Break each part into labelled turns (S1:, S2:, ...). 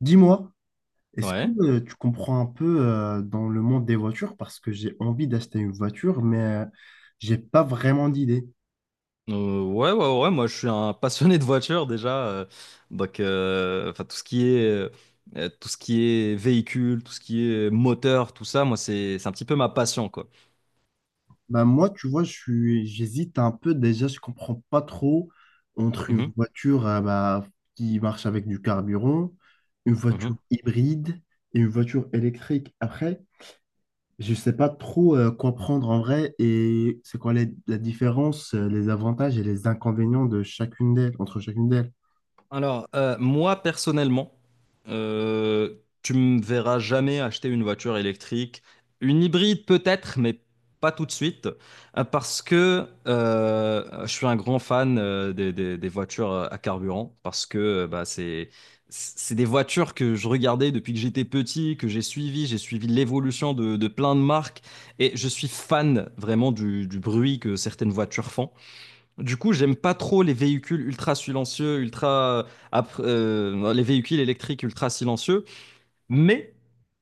S1: Dis-moi, est-ce que
S2: Ouais.
S1: tu comprends un peu, dans le monde des voitures, parce que j'ai envie d'acheter une voiture, mais j'ai pas vraiment d'idée.
S2: Ouais, ouais, ouais, moi je suis un passionné de voiture déjà. Donc, enfin, tout ce qui est véhicule, tout ce qui est moteur, tout ça, moi c'est un petit peu ma passion, quoi.
S1: Bah moi, tu vois, j'hésite un peu. Déjà, je comprends pas trop entre une
S2: Mhm,
S1: voiture bah, qui marche avec du carburant, une
S2: mhm.
S1: voiture hybride et une voiture électrique. Après, je sais pas trop quoi prendre en vrai, et c'est quoi la différence, les avantages et les inconvénients de chacune d'elles, entre chacune d'elles.
S2: Alors, moi personnellement, euh, tu me verras jamais acheter une voiture électrique, une hybride peut-être, mais pas tout de suite, parce que je suis un grand fan des voitures à carburant, parce que bah, c'est des voitures que je regardais depuis que j'étais petit, que j'ai suivi l'évolution de plein de marques, et je suis fan vraiment du bruit que certaines voitures font. Du coup, j'aime pas trop les véhicules ultra silencieux, les véhicules électriques ultra silencieux. Mais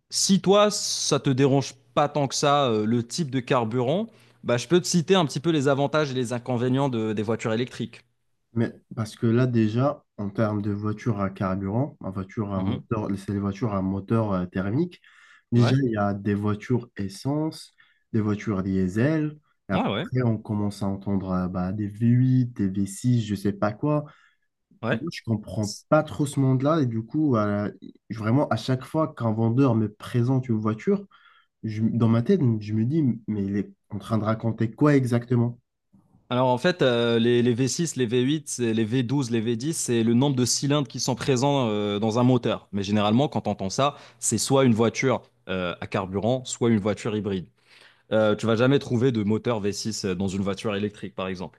S2: si toi, ça te dérange pas tant que ça, le type de carburant, bah, je peux te citer un petit peu les avantages et les inconvénients des voitures électriques.
S1: Mais parce que là, déjà, en termes de voiture à carburant, en voiture à
S2: Mhm.
S1: moteur, c'est les voitures à moteur thermique. Déjà,
S2: Ouais,
S1: il y a des voitures essence, des voitures diesel. Et
S2: ouais, ouais,
S1: après, on commence à entendre bah, des V8, des V6, je sais pas quoi. Moi,
S2: ouais.
S1: je comprends pas trop ce monde-là. Et du coup, vraiment, à chaque fois qu'un vendeur me présente une voiture, dans ma tête, je me dis, mais il est en train de raconter quoi exactement?
S2: Alors en fait, les V6, les V8, les V12, les V10, c'est le nombre de cylindres qui sont présents dans un moteur. Mais généralement, quand on entend ça, c'est soit une voiture à carburant, soit une voiture hybride. Tu vas jamais trouver de moteur V6 dans une voiture électrique, par exemple.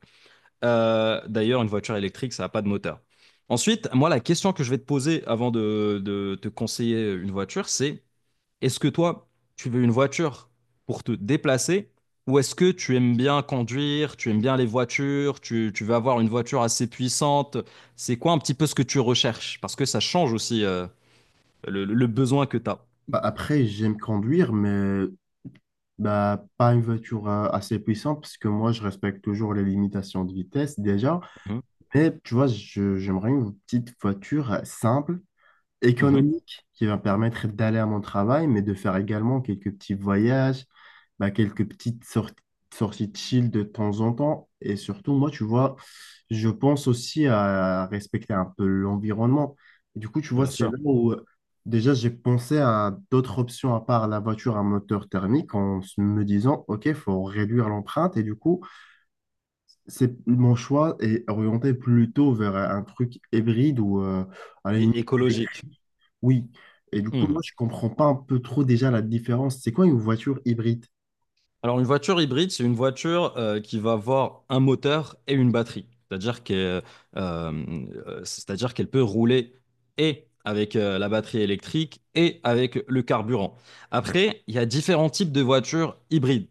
S2: D'ailleurs, une voiture électrique, ça n'a pas de moteur. Ensuite, moi, la question que je vais te poser avant de te conseiller une voiture, c'est est-ce que toi, tu veux une voiture pour te déplacer ou est-ce que tu aimes bien conduire, tu aimes bien les voitures, tu veux avoir une voiture assez puissante? C'est quoi un petit peu ce que tu recherches? Parce que ça change aussi le besoin que tu as.
S1: Bah, après, j'aime conduire, mais bah, pas une voiture assez puissante, parce que moi, je respecte toujours les limitations de vitesse déjà.
S2: Mhm,
S1: Mais tu vois, j'aimerais une petite voiture simple,
S2: mhm,
S1: économique, qui va permettre d'aller à mon travail, mais de faire également quelques petits voyages, bah, quelques petites sorties, sorties de chill de temps en temps. Et surtout, moi, tu vois, je pense aussi à respecter un peu l'environnement. Et du coup, tu vois,
S2: bien
S1: c'est
S2: sûr.
S1: là où déjà j'ai pensé à d'autres options à part la voiture à moteur thermique en me disant, OK, il faut réduire l'empreinte. Et du coup, c'est mon choix est orienté plutôt vers un truc hybride ou à la limite,
S2: Et écologique.
S1: oui. Et du coup, moi, je comprends pas un peu trop déjà la différence. C'est quoi une voiture hybride?
S2: Alors, une voiture hybride, c'est une voiture qui va avoir un moteur et une batterie. C'est-à-dire qu'elle peut rouler et avec la batterie électrique et avec le carburant. Après, il y a différents types de voitures hybrides.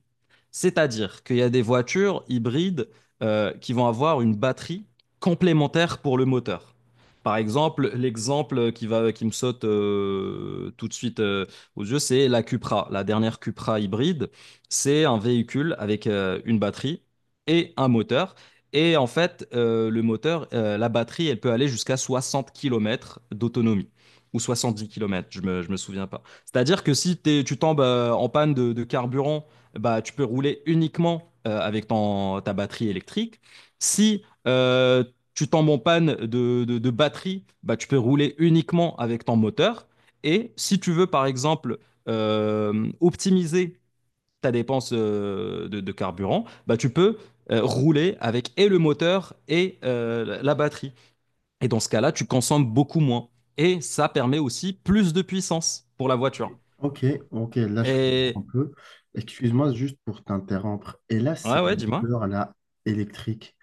S2: C'est-à-dire qu'il y a des voitures hybrides qui vont avoir une batterie complémentaire pour le moteur. Par exemple, l'exemple qui me saute tout de suite aux yeux, c'est la Cupra, la dernière Cupra hybride. C'est un véhicule avec une batterie et un moteur. Et en fait, la batterie, elle peut aller jusqu'à 60 kilomètres d'autonomie. Ou 70 kilomètres, je me souviens pas. C'est-à-dire que si t'es- tu tombes en panne de carburant, bah, tu peux rouler uniquement avec ta batterie électrique. Si tu tombes en panne de batterie, bah, tu peux rouler uniquement avec ton moteur. Et si tu veux, par exemple, optimiser ta dépense de carburant, bah, tu peux rouler avec et le moteur et batterie. Et dans ce cas-là, tu consommes beaucoup moins. Et ça permet aussi plus de puissance pour la voiture.
S1: OK, OK, là, je comprends un
S2: Et
S1: peu. Excuse-moi juste pour t'interrompre. Et là,
S2: ouais,
S1: ces
S2: ouais, dis-moi.
S1: moteurs là, électriques,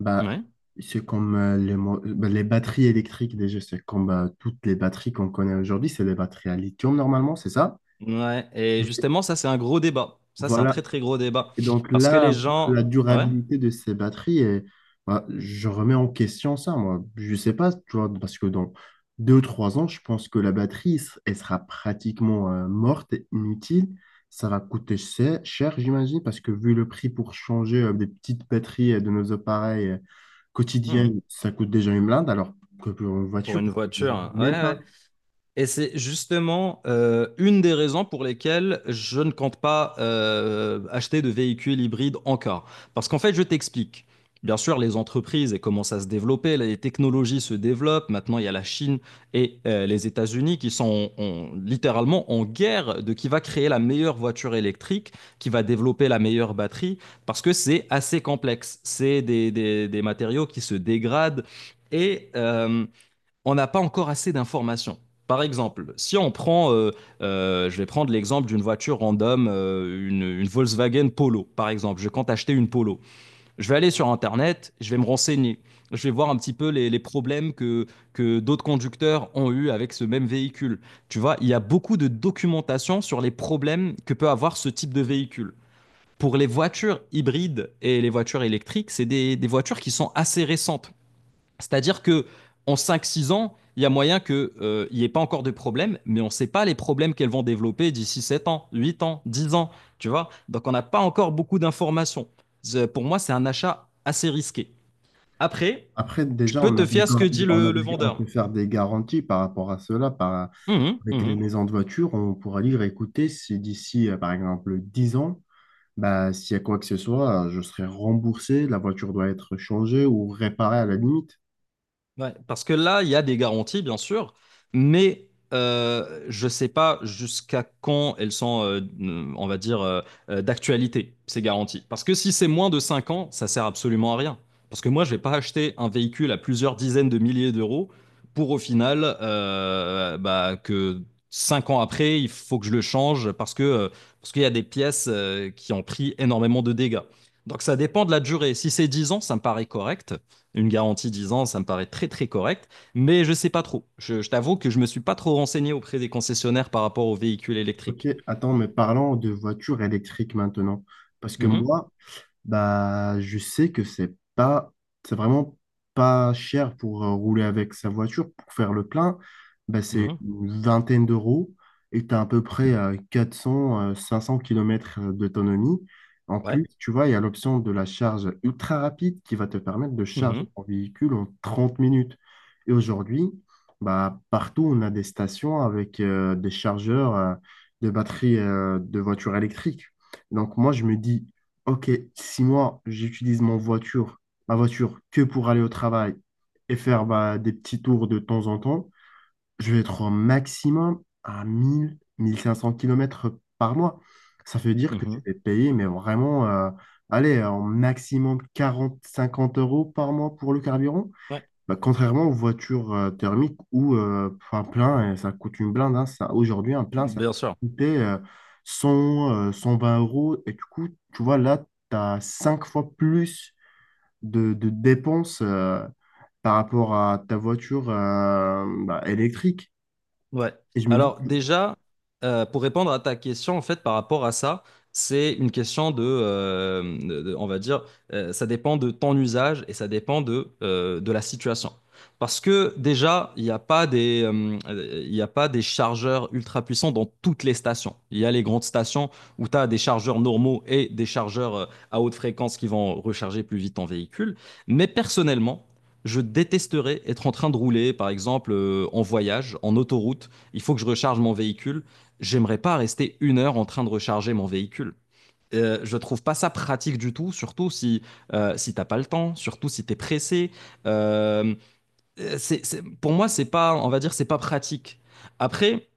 S1: bah,
S2: Ouais.
S1: c'est comme les, bah, les batteries électriques déjà, c'est comme bah, toutes les batteries qu'on connaît aujourd'hui, c'est des batteries à lithium normalement, c'est ça?
S2: Ouais. Et justement, ça, c'est un gros débat. Ça, c'est un
S1: Voilà.
S2: très, très gros débat.
S1: Et donc
S2: Parce que
S1: là,
S2: les
S1: un peu, la
S2: gens. Ouais.
S1: durabilité de ces batteries, et, bah, je remets en question ça, moi. Je sais pas, tu vois, parce que dans deux ou trois ans, je pense que la batterie, elle sera pratiquement morte et inutile. Ça va coûter cher, cher, j'imagine, parce que vu le prix pour changer des petites batteries de nos appareils
S2: Mhm.
S1: quotidiennes, ça coûte déjà une blinde, alors que pour une
S2: Pour
S1: voiture,
S2: une
S1: je ne
S2: voiture. Ouais,
S1: même pas.
S2: ouais. Et c'est justement une des raisons pour lesquelles je ne compte pas acheter de véhicules hybrides encore. Parce qu'en fait, je t'explique. Bien sûr, les entreprises elles commencent à se développer, les technologies se développent. Maintenant, il y a la Chine et les États-Unis qui sont littéralement en guerre de qui va créer la meilleure voiture électrique, qui va développer la meilleure batterie, parce que c'est assez complexe. C'est des matériaux qui se dégradent. Et on n'a pas encore assez d'informations. Par exemple, si on prend, je vais prendre l'exemple d'une voiture random, une Volkswagen Polo, par exemple. Je compte acheter une Polo. Je vais aller sur Internet, je vais me renseigner. Je vais voir un petit peu les problèmes que d'autres conducteurs ont eu avec ce même véhicule. Tu vois, il y a beaucoup de documentation sur les problèmes que peut avoir ce type de véhicule. Pour les voitures hybrides et les voitures électriques, c'est des voitures qui sont assez récentes. C'est-à-dire que en 5-6 ans, il y a moyen qu'il n'y ait pas encore de problème, mais on ne sait pas les problèmes qu'elles vont développer d'ici 7 ans, 8 ans, 10 ans, tu vois. Donc on n'a pas encore beaucoup d'informations. Pour moi, c'est un achat assez risqué. Après,
S1: Après,
S2: tu
S1: déjà,
S2: peux
S1: on a
S2: te fier à ce que dit
S1: on a
S2: le
S1: on
S2: vendeur.
S1: peut faire des garanties par rapport à cela, par
S2: Mhm,
S1: avec les
S2: mhm.
S1: maisons de voiture, on pourra lire et écouter si d'ici, par exemple, 10 ans, bah, s'il y a quoi que ce soit, je serai remboursé, la voiture doit être changée ou réparée à la limite.
S2: Ouais, parce que là, il y a des garanties, bien sûr, mais je ne sais pas jusqu'à quand elles sont, on va dire, d'actualité, ces garanties. Parce que si c'est moins de 5 ans, ça sert absolument à rien. Parce que moi, je ne vais pas acheter un véhicule à plusieurs dizaines de milliers d'euros pour au final bah, que 5 ans après, il faut que je le change parce qu'il y a des pièces qui ont pris énormément de dégâts. Donc ça dépend de la durée. Si c'est 10 ans, ça me paraît correct. Une garantie 10 ans, ça me paraît très très correct, mais je sais pas trop. Je t'avoue que je me suis pas trop renseigné auprès des concessionnaires par rapport aux véhicules
S1: OK,
S2: électriques.
S1: attends, mais parlons de voitures électriques maintenant. Parce que
S2: Mhm,
S1: moi, bah, je sais que c'est vraiment pas cher pour rouler avec sa voiture. Pour faire le plein, bah, c'est
S2: mhm,
S1: une vingtaine d'€ et tu as à peu près 400 500 km d'autonomie. En
S2: ouais,
S1: plus, tu vois, il y a l'option de la charge ultra rapide qui va te permettre de charger
S2: mhm,
S1: ton véhicule en 30 minutes. Et aujourd'hui, bah, partout, on a des stations avec des chargeurs de batteries de voitures électriques. Donc moi, je me dis, OK, si moi j'utilise mon voiture, ma voiture que pour aller au travail et faire bah, des petits tours de temps en temps, je vais être au maximum à 1000, 1500 kilomètres par mois. Ça veut dire que je
S2: mhm,
S1: vais payer, mais vraiment, allez, en maximum 40, 50 € par mois pour le carburant.
S2: ouais,
S1: Bah, contrairement aux voitures thermiques où un plein, ça coûte une blinde. Hein, ça, aujourd'hui, un plein, ça
S2: bien sûr.
S1: coûtait 100, 120 euros. Et du coup, tu vois, là, tu as 5 fois plus de dépenses par rapport à ta voiture bah, électrique.
S2: Ouais.
S1: Et je me dis,
S2: Alors
S1: que,
S2: déjà, pour répondre à ta question, en fait, par rapport à ça, c'est une question on va dire, ça dépend de ton usage et ça dépend de la situation. Parce que déjà, il y a pas des chargeurs ultra puissants dans toutes les stations. Il y a les grandes stations où tu as des chargeurs normaux et des chargeurs à haute fréquence qui vont recharger plus vite ton véhicule. Mais personnellement, je détesterais être en train de rouler, par exemple, en voyage, en autoroute. Il faut que je recharge mon véhicule. J'aimerais pas rester 1 heure en train de recharger mon véhicule. Je trouve pas ça pratique du tout, surtout si, si t'as pas le temps, surtout si t'es pressé. Euh, pour moi, c'est pas, on va dire, c'est pas pratique. Après,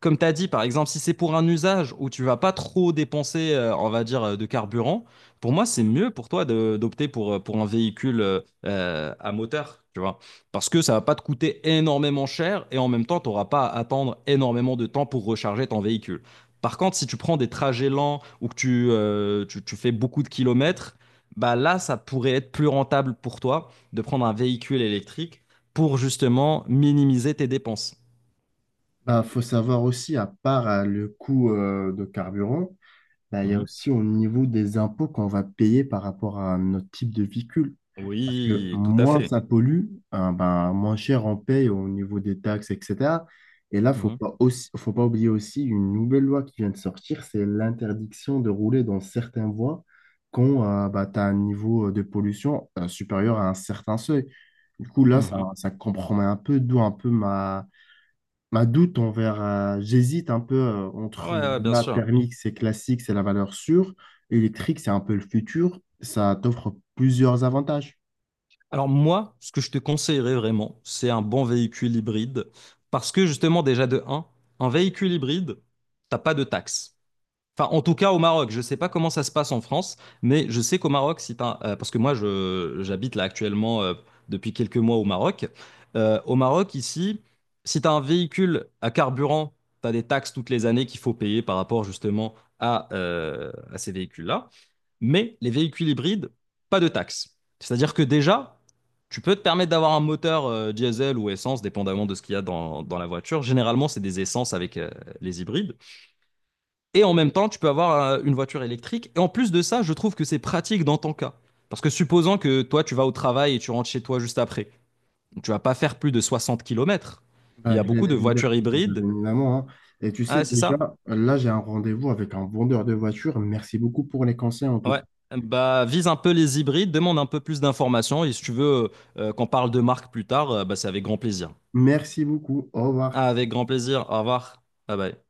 S2: comme tu as dit, par exemple, si c'est pour un usage où tu vas pas trop dépenser, on va dire, de carburant, pour moi, c'est mieux pour toi d'opter pour un véhicule à moteur, tu vois. Parce que ça va pas te coûter énormément cher et en même temps, tu n'auras pas à attendre énormément de temps pour recharger ton véhicule. Par contre, si tu prends des trajets lents ou que tu fais beaucoup de kilomètres, bah là, ça pourrait être plus rentable pour toi de prendre un véhicule électrique pour justement minimiser tes dépenses.
S1: bah, faut savoir aussi, à part le coût de carburant, bah, il y a
S2: Mhm.
S1: aussi au niveau des impôts qu'on va payer par rapport à notre type de véhicule. Parce que
S2: Oui, tout à
S1: moins
S2: fait.
S1: ça pollue, hein, ben, moins cher on paye au niveau des taxes, etc. Et là, faut
S2: Mhm.
S1: pas aussi, faut pas oublier aussi une nouvelle loi qui vient de sortir, c'est l'interdiction de rouler dans certaines voies quand bah, tu as un niveau de pollution supérieur à un certain seuil. Du coup, là, ça,
S2: Mhm.
S1: ça compromet un peu, d'où un peu ma, ma doute envers. Euh, j'hésite un peu
S2: Ouais,
S1: entre
S2: ouais, bien
S1: la
S2: sûr.
S1: permis, c'est classique, c'est la valeur sûre, électrique, c'est un peu le futur. Ça t'offre plusieurs avantages.
S2: Alors moi, ce que je te conseillerais vraiment, c'est un bon véhicule hybride. Parce que justement, déjà de un, véhicule hybride, t'as pas de taxes. Enfin, en tout cas, au Maroc, je ne sais pas comment ça se passe en France, mais je sais qu'au Maroc, si t'as- parce que moi, j'habite là actuellement depuis quelques mois au Maroc. Au Maroc, ici, si tu as un véhicule à carburant, tu as des taxes toutes les années qu'il faut payer par rapport justement à ces véhicules-là. Mais les véhicules hybrides, pas de taxes. C'est-à-dire que déjà, tu peux te permettre d'avoir un moteur diesel ou essence, dépendamment de ce qu'il y a dans la voiture. Généralement, c'est des essences avec les hybrides. Et en même temps, tu peux avoir une voiture électrique. Et en plus de ça, je trouve que c'est pratique dans ton cas. Parce que supposons que toi, tu vas au travail et tu rentres chez toi juste après. Tu vas pas faire plus de 60 kilomètres. Il
S1: Bah,
S2: y a beaucoup de voitures
S1: bien
S2: hybrides.
S1: évidemment, hein. Et tu
S2: Ah,
S1: sais
S2: ouais, c'est
S1: déjà,
S2: ça?
S1: là j'ai un rendez-vous avec un vendeur de voitures. Merci beaucoup pour les conseils en tout
S2: Ouais.
S1: cas.
S2: Bah, vise un peu les hybrides, demande un peu plus d'informations. Et si tu veux qu'on parle de marque plus tard, bah, c'est avec grand plaisir.
S1: Merci beaucoup. Au revoir.
S2: Ah, avec grand plaisir. Au revoir. Bye bye.